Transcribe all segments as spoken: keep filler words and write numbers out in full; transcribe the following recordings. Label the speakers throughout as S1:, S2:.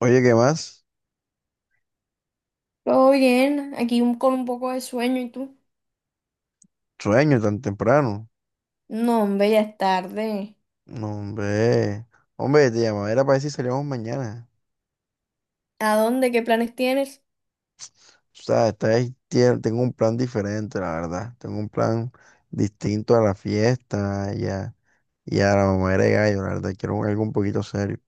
S1: Oye, ¿qué más?
S2: Todo bien, aquí un- con un poco de sueño y tú.
S1: Sueño tan temprano.
S2: No, hombre, ya es tarde.
S1: No, hombre. Hombre, te llamaba, era para decir si salíamos mañana.
S2: ¿A dónde? ¿Qué planes tienes?
S1: O sea, esta vez tie- tengo un plan diferente, la verdad. Tengo un plan distinto a la fiesta y a, y a la mamá de gallo, la verdad. Quiero algo un poquito serio.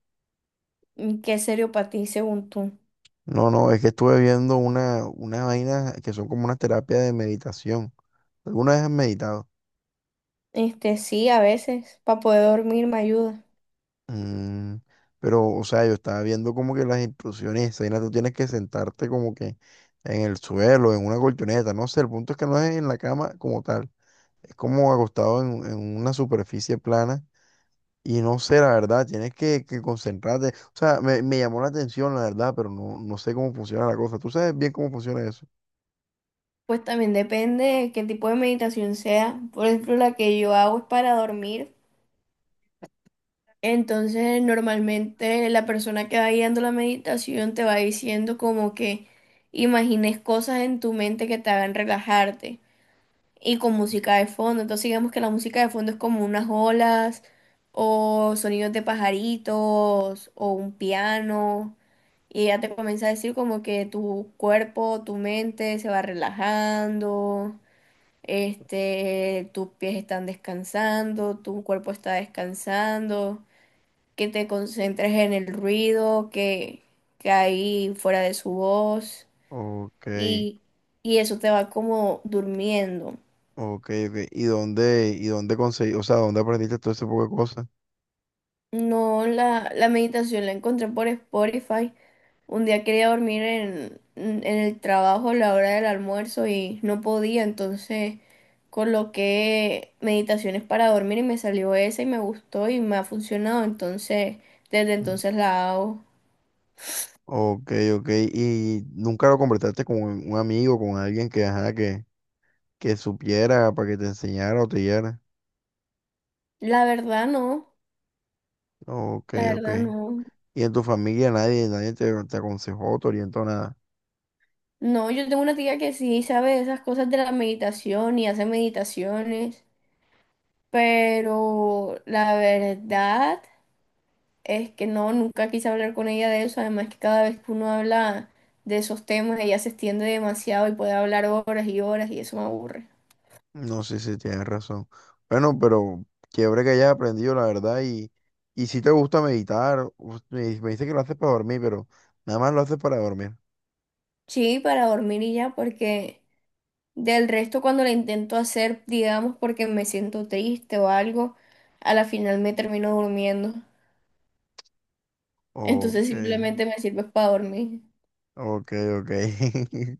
S2: ¿Y ¿Qué es serio para ti, según tú?
S1: No, no, es que estuve viendo una, unas vainas que son como unas terapias de meditación. ¿Alguna vez has meditado?
S2: Este, sí, a veces, para poder dormir me ayuda.
S1: Mm, pero, o sea, yo estaba viendo como que las instrucciones, esa vaina, tú tienes que sentarte como que en el suelo, en una colchoneta, no sé, el punto es que no es en la cama como tal, es como acostado en, en una superficie plana y no sé, la verdad, tienes que, que concentrarte, o sea, me, me llamó la atención, la verdad, pero no, no sé cómo funciona la cosa, ¿tú sabes bien cómo funciona eso?
S2: Pues también depende de qué tipo de meditación sea. Por ejemplo, la que yo hago es para dormir. Entonces, normalmente la persona que va guiando la meditación te va diciendo como que imagines cosas en tu mente que te hagan relajarte. Y con música de fondo. Entonces digamos que la música de fondo es como unas olas o sonidos de pajaritos o un piano y ya te comienza a decir como que tu cuerpo, tu mente se va relajando, este, tus pies están descansando, tu cuerpo está descansando, que te concentres en el ruido que, que hay fuera de su voz
S1: Ok,
S2: y, y eso te va como durmiendo.
S1: ok, ok, ¿y dónde, y dónde conseguí, o sea, dónde aprendiste todo ese poco de cosas?
S2: No, la, la meditación la encontré por Spotify. Un día quería dormir en, en el trabajo a la hora del almuerzo y no podía, entonces coloqué meditaciones para dormir y me salió esa y me gustó y me ha funcionado, entonces desde entonces la hago.
S1: Ok, ok. ¿Y nunca lo completaste con un un amigo, con alguien que, ajá, que, que supiera para que te enseñara o te guiara?
S2: La verdad no,
S1: Ok,
S2: la
S1: ok.
S2: verdad no.
S1: ¿Y en tu familia nadie, nadie te, te aconsejó, te orientó nada?
S2: No, yo tengo una tía que sí sabe esas cosas de la meditación y hace meditaciones, pero la verdad... Es que no, nunca quise hablar con ella de eso, además que cada vez que uno habla de esos temas, ella se extiende demasiado y puede hablar horas y horas y eso me aburre.
S1: No sé si tienes razón. Bueno, pero chévere que hayas aprendido, la verdad. Y, y si te gusta meditar, us- me, me dice que lo haces para dormir, pero nada más lo haces para dormir.
S2: Sí, para dormir y ya, porque del resto cuando la intento hacer, digamos, porque me siento triste o algo, a la final me termino durmiendo. Entonces
S1: Ok.
S2: simplemente me sirve para dormir.
S1: Ok, ok.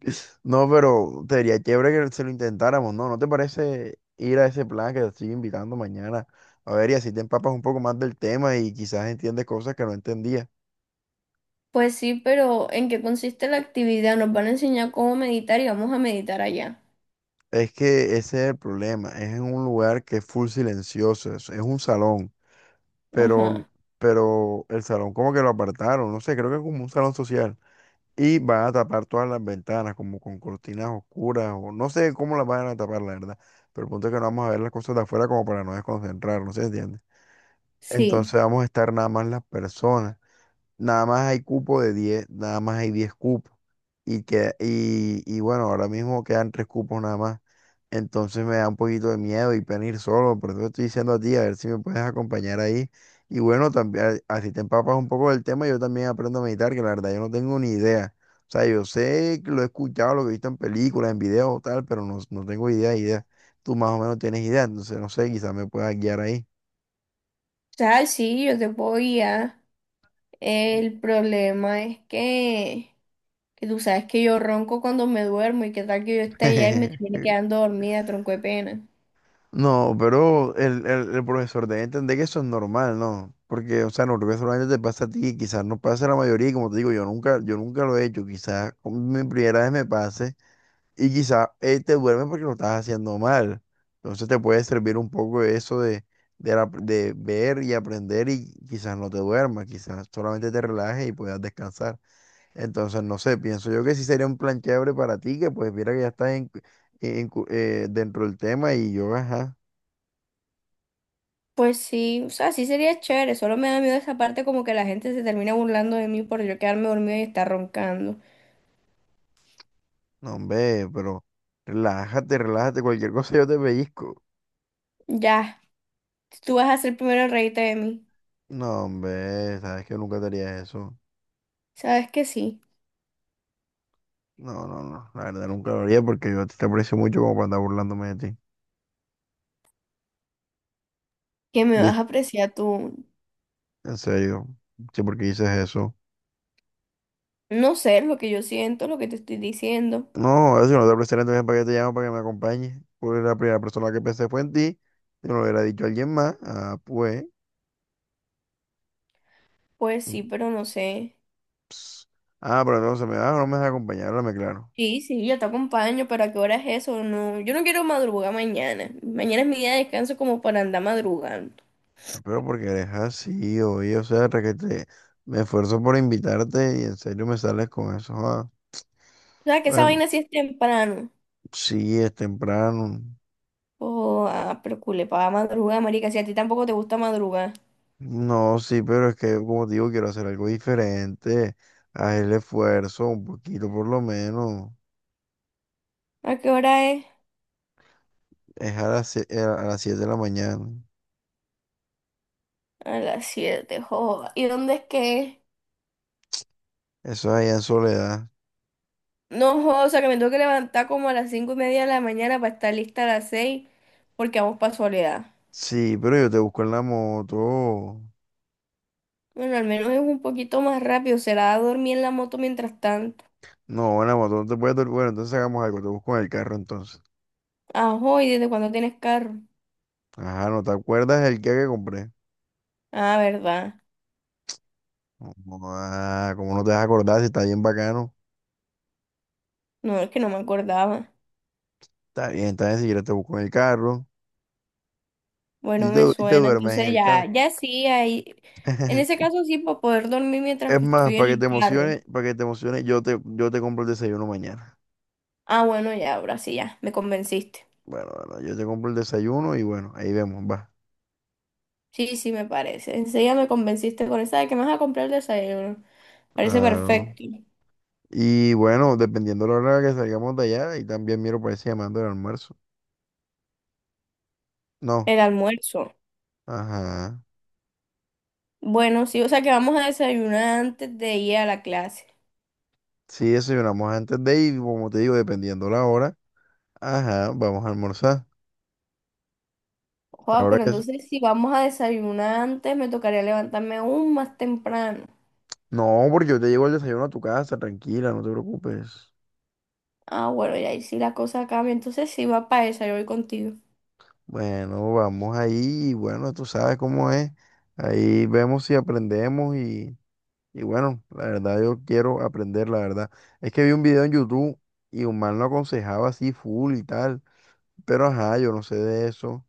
S1: No, pero sería chévere que se lo intentáramos, ¿no? ¿No te parece ir a ese plan que te estoy invitando mañana? A ver, y así te empapas un poco más del tema y quizás entiendes cosas que no entendía.
S2: Pues sí, pero ¿en qué consiste la actividad? Nos van a enseñar cómo meditar y vamos a meditar allá.
S1: Es que ese es el problema. Es en un lugar que es full silencioso. Es, es un salón, pero,
S2: Ajá,
S1: pero el salón como que lo apartaron. No sé, creo que es como un salón social. Y van a tapar todas las ventanas como con cortinas oscuras o no sé cómo las van a tapar, la verdad. Pero el punto es que no vamos a ver las cosas de afuera como para no desconcentrarnos, ¿se entiende?
S2: sí.
S1: Entonces vamos a estar nada más las personas, nada más hay cupo de diez, nada más hay diez cupos. Y, que, y, y bueno, ahora mismo quedan tres cupos nada más. Entonces me da un poquito de miedo y pena ir solo, por eso te estoy diciendo a ti, a ver si me puedes acompañar ahí. Y bueno, también, así te empapas un poco del tema, yo también aprendo a meditar, que la verdad yo no tengo ni idea. O sea, yo sé que lo he escuchado, lo que he visto en películas, en videos, tal, pero no, no tengo idea, idea. Tú más o menos tienes idea, entonces no sé, quizás me puedas guiar ahí.
S2: O sea, sí, yo te puedo guiar. El problema es que, que tú sabes que yo ronco cuando me duermo y qué tal que yo esté allá y me termine quedando dormida, tronco de pena.
S1: No, pero el, el, el profesor debe entender que eso es normal, ¿no? Porque, o sea, normalmente solamente te pasa a ti, quizás no pasa a la mayoría, y como te digo, yo nunca, yo nunca lo he hecho, quizás con mi primera vez me pase y quizás eh, te duerme porque lo estás haciendo mal. Entonces te puede servir un poco eso de, de, la- de ver y aprender y quizás no te duermas, quizás solamente te relajes y puedas descansar. Entonces, no sé, pienso yo que sí sería un plan chévere para ti, que pues mira que ya estás en- en- eh, dentro del tema y yo, ajá.
S2: Pues sí, o sea, sí sería chévere, solo me da miedo esa parte como que la gente se termina burlando de mí por yo quedarme dormida y estar roncando.
S1: No, hombre, pero relájate, relájate, cualquier cosa yo te pellizco.
S2: Ya, tú vas a ser primero el reírte de mí.
S1: No, hombre, sabes que nunca te haría eso.
S2: Sabes que sí,
S1: No, no, no, la verdad nunca lo haría porque yo a ti te aprecio mucho como para andar burlándome de ti.
S2: que me vas a
S1: ¿Viste?
S2: apreciar tú.
S1: En serio, sí, porque dices eso.
S2: No sé lo que yo siento, lo que te estoy diciendo.
S1: No, ahora si no te aprecio entonces para qué te llamo para que me acompañes. Pues la primera persona que pensé fue en ti, si no lo hubiera dicho alguien más, ah, pues.
S2: Pues
S1: Mm,
S2: sí, pero no sé.
S1: ps. Ah, pero entonces me vas o no me vas a acompañar, háblame claro.
S2: Sí, sí, yo te acompaño, pero ¿a qué hora es eso? No, yo no quiero madrugar mañana. Mañana es mi día de descanso como para andar madrugando.
S1: Pero porque eres así, oye, o sea, requete, me esfuerzo por invitarte y en serio me sales con eso. Ah.
S2: O sea, que esa
S1: Bueno,
S2: vaina sí es temprano.
S1: sí, es temprano.
S2: Oh, ah, pero culepa, va a madrugar, marica, si a ti tampoco te gusta madrugar.
S1: No, sí, pero es que, como te digo, quiero hacer algo diferente. Haz el esfuerzo, un poquito por lo menos.
S2: ¿A qué hora es?
S1: Es a las, sie- eh, a las siete de la mañana.
S2: A las siete, joda. ¿Y dónde es que es?
S1: Eso es allá en Soledad.
S2: No, joda, o sea, que me tengo que levantar como a las cinco y media de la mañana para estar lista a las seis porque vamos para Soledad.
S1: Sí, pero yo te busco en la moto.
S2: Bueno, al menos es un poquito más rápido, será dormir en la moto mientras tanto.
S1: No, en la moto no te puedes dormir. Bueno, entonces hagamos algo, te busco en el carro entonces.
S2: Ajo, ¿y desde cuándo tienes carro?
S1: Ajá, ¿no te acuerdas el que que compré?
S2: Ah, ¿verdad?
S1: Ah, ¿cómo no te vas a acordar si está bien bacano?
S2: No, es que no me acordaba.
S1: Está bien, está bien, si quieres te busco en el carro
S2: Bueno,
S1: y te,
S2: me
S1: y te
S2: suena.
S1: duermes en
S2: Entonces
S1: el carro.
S2: ya, ya sí, ahí. En ese caso sí, para poder dormir mientras
S1: Es
S2: que
S1: más,
S2: estoy en
S1: para que te
S2: el carro.
S1: emociones, para que te emociones, yo te, yo te compro el desayuno mañana.
S2: Ah, bueno, ya, ahora sí, ya, me convenciste.
S1: Bueno, bueno, yo te compro el desayuno y bueno, ahí vemos, va.
S2: Sí, sí, me parece. Enseguida me convenciste con esa de que me vas a comprar el desayuno. Parece
S1: Claro.
S2: perfecto.
S1: Y bueno, dependiendo de la hora que salgamos de allá, y también miro para ese llamando el almuerzo. No,
S2: El almuerzo.
S1: ajá.
S2: Bueno, sí, o sea que vamos a desayunar antes de ir a la clase.
S1: Sí, desayunamos antes de ir, como te digo, dependiendo la hora, ajá, vamos a almorzar.
S2: Wow,
S1: Ahora
S2: pero
S1: que
S2: entonces si vamos a desayunar antes, me tocaría levantarme aún más temprano.
S1: No, porque yo te llevo el desayuno a tu casa, tranquila, no te preocupes.
S2: Ah, bueno, y ahí sí la cosa cambia. Entonces sí va para esa, yo voy contigo.
S1: Bueno, vamos ahí, y bueno, tú sabes cómo es. Ahí vemos si aprendemos y, y bueno, la verdad yo quiero aprender, la verdad. Es que vi un video en YouTube y un man lo aconsejaba así full y tal, pero ajá, yo no sé de eso.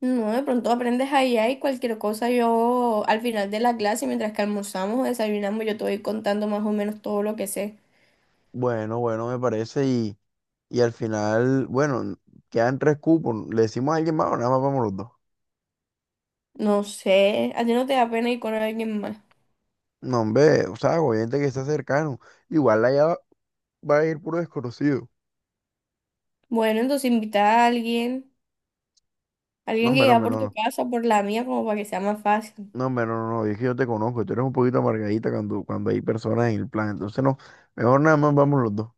S2: No, de pronto aprendes ahí, ahí cualquier cosa. Yo al final de la clase, mientras que almorzamos o desayunamos, yo te voy contando más o menos todo lo que sé.
S1: Bueno, bueno, me parece y, y al final, bueno, quedan tres cupos. ¿Le decimos a alguien más o nada más vamos los dos?
S2: No sé, a ti no te da pena ir con alguien más.
S1: No, hombre, o sea, obviamente que está cercano. Igual allá va va a ir puro desconocido.
S2: Bueno, entonces invita a alguien,
S1: No,
S2: alguien
S1: hombre,
S2: que
S1: no,
S2: ya
S1: hombre,
S2: por
S1: no,
S2: tu
S1: no.
S2: casa, por la mía, como para que sea más fácil.
S1: No, hombre, no, no, no. Es que yo te conozco. Y tú eres un poquito amargadita cuando, cuando hay personas en el plan. Entonces, no. Mejor nada más vamos los dos.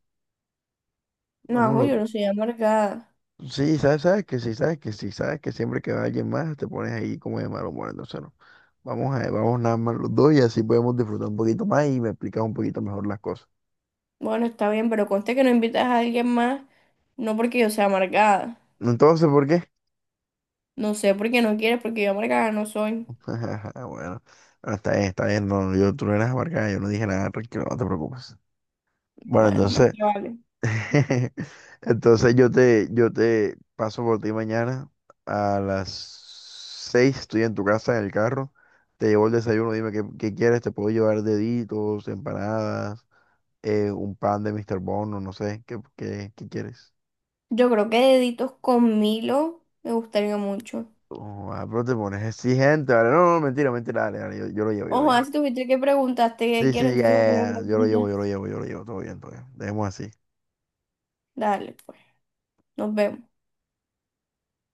S1: Vamos
S2: No,
S1: los
S2: yo no soy amargada.
S1: dos. Sí, sabes, sabes que sí, sabes que sí, sabes que siempre que va alguien más te pones ahí como de malo humor. Entonces, no. Vamos a, vamos nada más los dos y así podemos disfrutar un poquito más y me explicas un poquito mejor las cosas.
S2: Bueno, está bien, pero conste que no invitas a alguien más, no porque yo sea amargada.
S1: Entonces, ¿por qué?
S2: No sé por qué no quieres, porque yo amargada no soy.
S1: Bueno, bueno, está bien, está bien. No, yo, tú no eras amargada, yo no dije nada, tranquilo, no te preocupes. Bueno,
S2: Bueno, más
S1: entonces.
S2: que vale.
S1: Entonces yo te, yo te paso por ti mañana a las seis, estoy en tu casa en el carro, te llevo el desayuno, dime qué, qué quieres, te puedo llevar deditos, empanadas, eh, un pan de míster Bono, no sé, qué, qué, qué quieres.
S2: Yo creo que deditos con Milo me gustaría mucho.
S1: Oh, ah, pero te pones exigente, vale, no, no, mentira, mentira, dale, dale, yo, yo lo llevo, yo lo
S2: Ojo,
S1: llevo.
S2: ah, si tuviste que preguntaste qué
S1: Sí,
S2: quiero,
S1: sí, ya,
S2: entonces para qué me
S1: ya, ya, yo lo llevo, yo lo
S2: preguntas.
S1: llevo, yo lo llevo, todo bien, todo bien, dejemos así.
S2: Dale, pues, nos vemos.